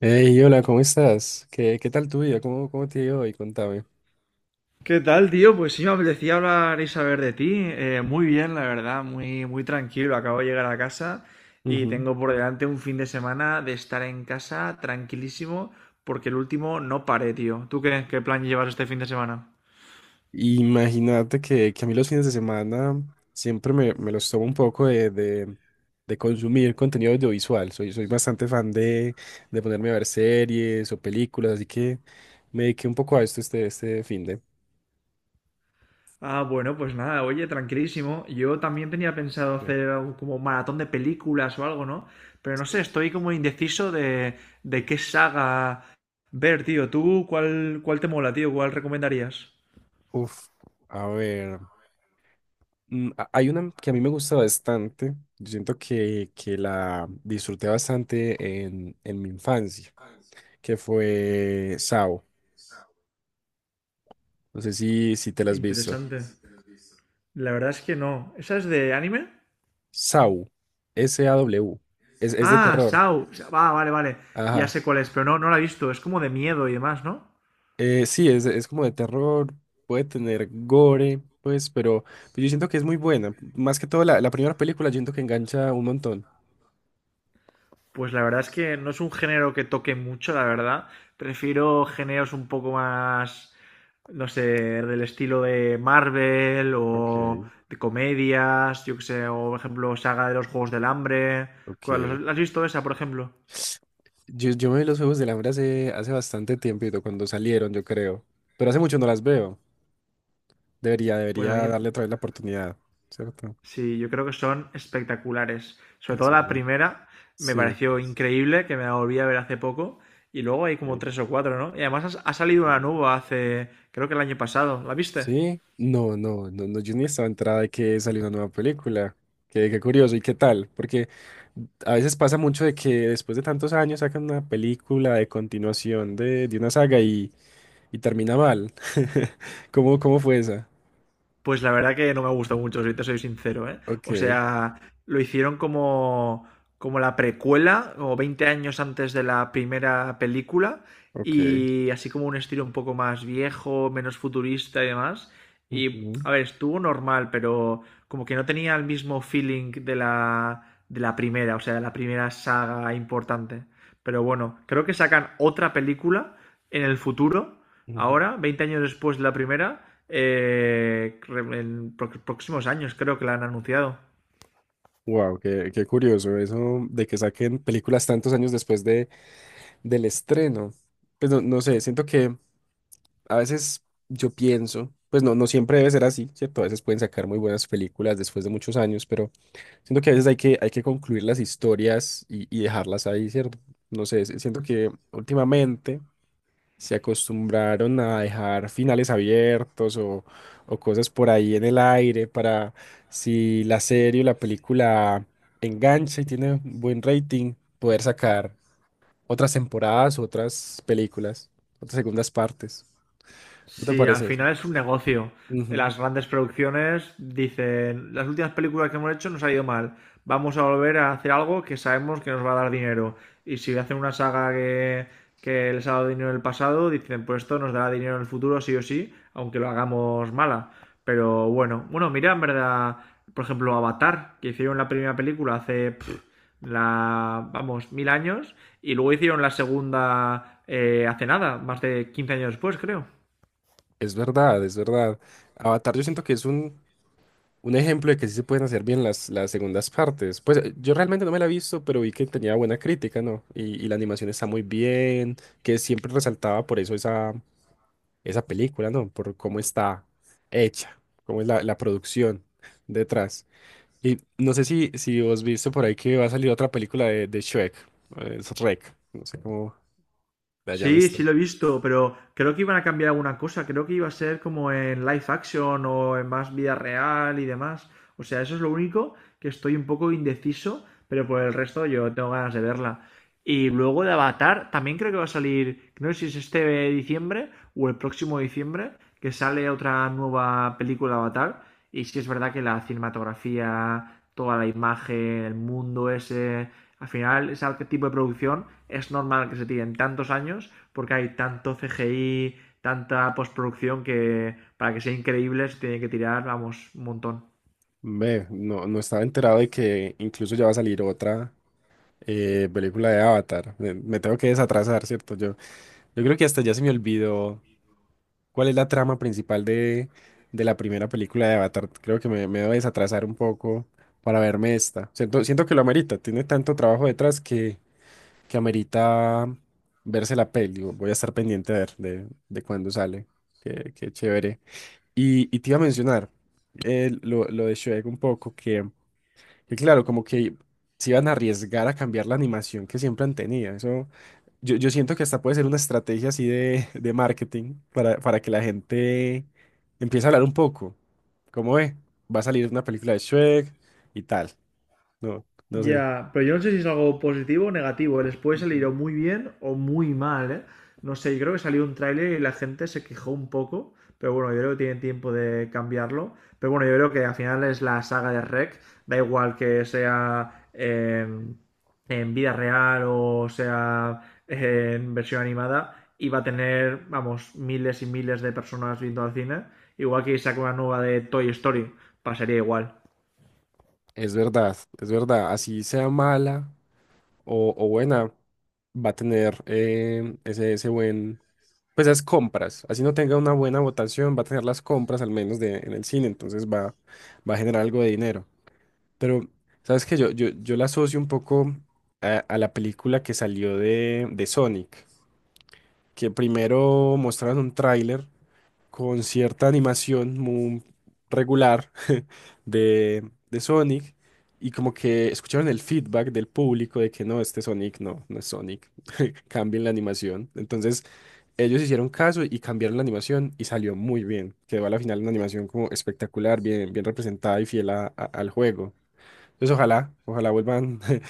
Hey, hola, ¿cómo estás? ¿¿Qué tal tu vida? ¿¿Cómo te ha ido hoy? Contame. ¿Qué tal, tío? Pues sí, me apetecía hablar y saber de ti. Muy bien, la verdad, muy, muy tranquilo. Acabo de llegar a casa y Ujú. tengo por delante un fin de semana de estar en casa tranquilísimo porque el último no paré, tío. ¿Tú qué plan llevas este fin de semana? Imagínate que a mí los fines de semana siempre me los tomo un poco de consumir contenido audiovisual. Soy bastante fan de ponerme a ver series o películas, así que me dediqué un poco a esto este fin de. Ah, bueno, pues nada, oye, tranquilísimo. Yo también tenía pensado Sí. hacer algo como maratón de películas o algo, ¿no? Pero no sé, estoy como indeciso de qué saga ver, tío. ¿Tú cuál te mola, tío? ¿Cuál recomendarías? Uf, a ver, mm, a- Hay una que a mí me gusta bastante. Yo siento que la disfruté bastante en mi infancia, que fue Sao. No sé si te la has visto. Interesante. La verdad es que no. ¿Esa es de anime? Saw. SAW. Es de Ah, terror. Sao. Ah, vale, vale. Ya Ajá. sé cuál es, pero no, no la he visto. Es como de miedo y demás, ¿no? Es como de terror. Puede tener gore, pues, pero yo siento que es muy buena. Más que todo, la primera película, yo siento que engancha un montón. Pues la verdad es que no es un género que toque mucho, la verdad. Prefiero géneros un poco más, no sé, del estilo de Marvel Ok, o de comedias, yo que sé, o por ejemplo, saga de los Juegos del Hambre. ok. ¿Has visto esa, por ejemplo? Yo me vi los Juegos del Hambre hace bastante tiempo cuando salieron, yo creo. Pero hace mucho no las veo. Pues a Debería mí darle otra vez la oportunidad, ¿cierto? Sí, yo creo que son espectaculares. Sobre Es todo la verdad. primera me Sí. pareció increíble, que me la volví a ver hace poco. Y luego hay como Ok, tres o cuatro, ¿no? Y además ha salido una verdad. nueva hace, creo que el año pasado. ¿La viste? Sí, no, no, no, no, yo ni estaba enterada de que salió una nueva película. Qué curioso y qué tal, porque a veces pasa mucho de que después de tantos años sacan una película de continuación de una saga y termina mal. ¿¿Cómo fue esa? Pues la verdad que no me ha gustado mucho, si te soy sincero, ¿eh? Ok, O sea, lo hicieron como la precuela, como 20 años antes de la primera película, ok. y así como un estilo un poco más viejo, menos futurista y demás. Y, a ver, estuvo normal, pero como que no tenía el mismo feeling de la primera, o sea, de la primera saga importante. Pero bueno, creo que sacan otra película en el futuro ahora, 20 años después de la primera, en próximos años creo que la han anunciado. Wow, qué curioso eso de que saquen películas tantos años del estreno. Pues no, no sé, siento que a veces yo pienso, pues no, no siempre debe ser así, ¿cierto? A veces pueden sacar muy buenas películas después de muchos años, pero siento que a veces hay que concluir las historias y dejarlas ahí, ¿cierto? No sé, siento que últimamente se acostumbraron a dejar finales abiertos o cosas por ahí en el aire para si la serie o la película engancha y tiene buen rating, poder sacar otras temporadas, otras películas, otras segundas partes. ¿No te Sí, al parece? final es un negocio. Ujú. Las grandes producciones dicen, las últimas películas que hemos hecho nos ha ido mal. Vamos a volver a hacer algo que sabemos que nos va a dar dinero. Y si hacen una saga que les ha dado dinero en el pasado, dicen, pues esto nos dará dinero en el futuro sí o sí, aunque lo hagamos mala. Pero bueno, bueno, mira, en verdad, por ejemplo, Avatar, que hicieron la primera película hace, pf, la, vamos, mil años, y luego hicieron la segunda hace nada, más de 15 años después, creo. Es verdad, es verdad. Avatar, yo siento que es un ejemplo de que sí se pueden hacer bien las segundas partes. Pues yo realmente no me la he visto, pero vi que tenía buena crítica, ¿no? Y la animación está muy bien, que siempre resaltaba por eso esa, esa película, ¿no? Por cómo está hecha, cómo es la producción detrás. Y no sé si vos viste por ahí que va a salir otra película de Shrek, es Shrek, no sé cómo la Sí, llames sí tú. lo he visto, pero creo que iban a cambiar alguna cosa. Creo que iba a ser como en live action o en más vida real y demás. O sea, eso es lo único que estoy un poco indeciso, pero por el resto yo tengo ganas de verla. Y luego de Avatar, también creo que va a salir, no sé si es este diciembre o el próximo diciembre, que sale otra nueva película de Avatar. Y sí es verdad que la cinematografía, toda la imagen, el mundo ese, al final ese tipo de producción es normal que se tiren tantos años porque hay tanto CGI, tanta postproducción que para que sea increíble se tiene que tirar, vamos, un montón. Ve, no, no estaba enterado de que incluso ya va a salir otra película de Avatar. Me tengo que desatrasar, ¿cierto? Yo creo que hasta ya se me olvidó cuál es la trama principal de la primera película de Avatar. Creo que me debo desatrasar un poco para verme esta. Siento que lo amerita. Tiene tanto trabajo detrás que amerita verse la peli. Voy a estar pendiente a ver de cuándo sale. Qué chévere. Y te iba a mencionar lo de Shrek un poco, que claro, como que se iban a arriesgar a cambiar la animación que siempre han tenido. Eso, yo siento que hasta puede ser una estrategia así de marketing para que la gente empiece a hablar un poco. Como ve, va a salir una película de Shrek y tal. No, no sé. Ya, pero yo no sé si es algo positivo o negativo. ¿Eh? Les puede salir o Ujú. muy bien o muy mal, ¿eh? No sé, yo creo que salió un tráiler y la gente se quejó un poco, pero bueno, yo creo que tienen tiempo de cambiarlo. Pero bueno, yo creo que al final es la saga de Rec, da igual que sea en vida real o sea en versión animada, y va a tener, vamos, miles y miles de personas viendo al cine. Igual que saca una nueva de Toy Story, pasaría igual. Es verdad, es verdad. Así sea mala o buena, va a tener ese buen pues esas compras, así no tenga una buena votación, va a tener las compras al menos de, en el cine, entonces va, va a generar algo de dinero. Pero, ¿sabes qué? Yo la asocio un poco a la película que salió de Sonic, que primero mostraron un tráiler con cierta animación muy regular de Sonic y como que escucharon el feedback del público de que no, este Sonic no, no es Sonic cambien la animación. Entonces, ellos hicieron caso y cambiaron la animación y salió muy bien. Quedó a la final una animación como espectacular, bien, bien representada y fiel al juego. Entonces, ojalá, ojalá vuelvan,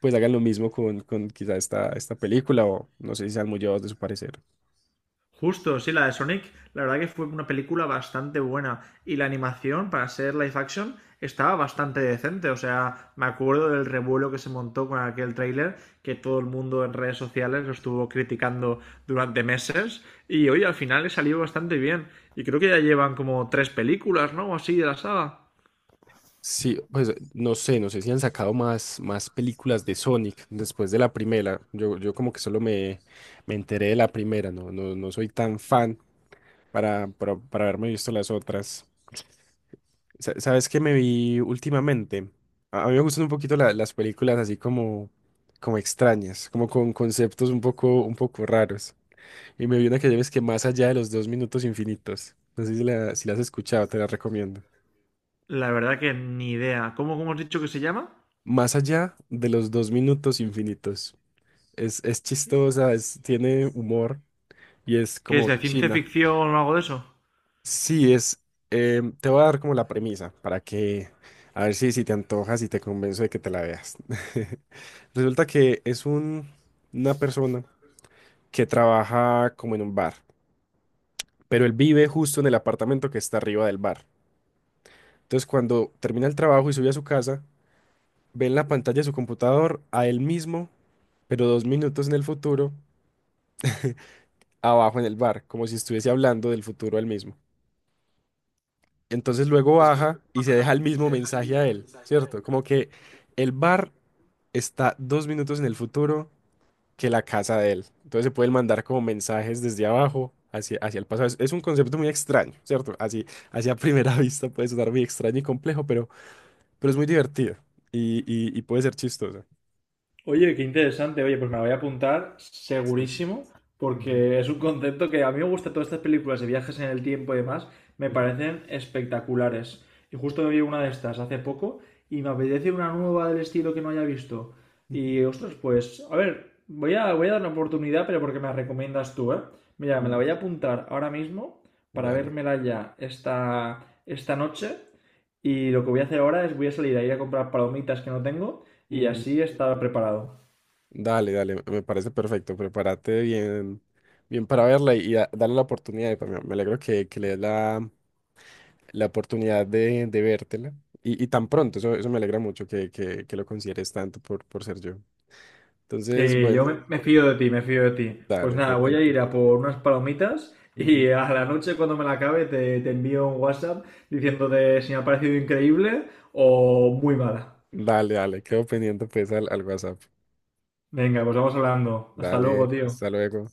pues hagan lo mismo con quizá esta película o no sé si sean muy llevados de su parecer. Justo, sí, la de Sonic, la verdad que fue una película bastante buena y la animación para ser live action estaba bastante decente, o sea, me acuerdo del revuelo que se montó con aquel tráiler que todo el mundo en redes sociales lo estuvo criticando durante meses y hoy al final le salió bastante bien y creo que ya llevan como tres películas, ¿no? O así de la saga. Sí, pues no sé, no sé si han sacado más películas de Sonic después de la primera. Yo como que solo me enteré de la primera, no, no, no soy tan fan para haberme visto las otras. ¿Sabes qué me vi últimamente? A mí me gustan un poquito las películas así como, como extrañas, como con conceptos un poco raros. Y me vi una que lleves que más allá de los dos minutos infinitos. No sé si la, si la has escuchado, te la recomiendo. La verdad que ni idea. ¿Cómo has dicho que se llama? Más allá de los dos minutos infinitos. Es chistosa, es, tiene humor y es ¿Que es como de ciencia china. ficción o algo de eso? Sí, es. Te voy a dar como la premisa para que. A ver si te antojas y te convenzo de que te la veas. Resulta que es una persona que trabaja como en un bar, pero él vive justo en el apartamento que está arriba del bar. Entonces, cuando termina el trabajo y sube a su casa, ve en la pantalla de su computador a él mismo, pero 2 minutos en el futuro, abajo en el bar, como si estuviese hablando del futuro a él mismo. Entonces luego baja y se deja el mismo mensaje a él, ¿cierto? Como que el bar está 2 minutos en el futuro que la casa de él. Entonces se pueden mandar como mensajes desde abajo hacia, hacia el pasado. Es un concepto muy extraño, ¿cierto? Así, así a primera vista puede sonar muy extraño y complejo, pero es muy divertido y, y puede ser chistoso. Oye, qué interesante. Oye, pues me la voy a apuntar Sí. segurísimo, Ujú, porque es un concepto que a mí me gusta todas estas películas de viajes en el tiempo y demás, me ujú, parecen espectaculares. Y justo me vi una de estas hace poco y me apetece una nueva del estilo que no haya visto. Y ujú. ostras, pues, a ver, voy a dar una oportunidad, pero porque me la recomiendas tú, ¿eh? Mira, me la voy a Listo. apuntar ahora mismo para Dale. vérmela ya esta noche. Y lo que voy a hacer ahora es voy a salir a ir a comprar palomitas que no tengo y así estar preparado. Dale, dale, me parece perfecto. Prepárate bien, bien para verla y dale la oportunidad. Y pues me alegro que le des la oportunidad de vértela. Y tan pronto, eso me alegra mucho que lo consideres tanto por ser yo. Sí, Entonces, yo bueno, me fío de ti, me fío de ti. Pues dale, nada, voy a perfecto. ir a por unas palomitas y Ujú. a la noche cuando me la acabe te envío un WhatsApp diciéndote si me ha parecido increíble o muy mala. Dale, dale, quedo pendiente pues al, al WhatsApp. Venga, pues vamos hablando. Hasta luego, Dale, tío. hasta luego.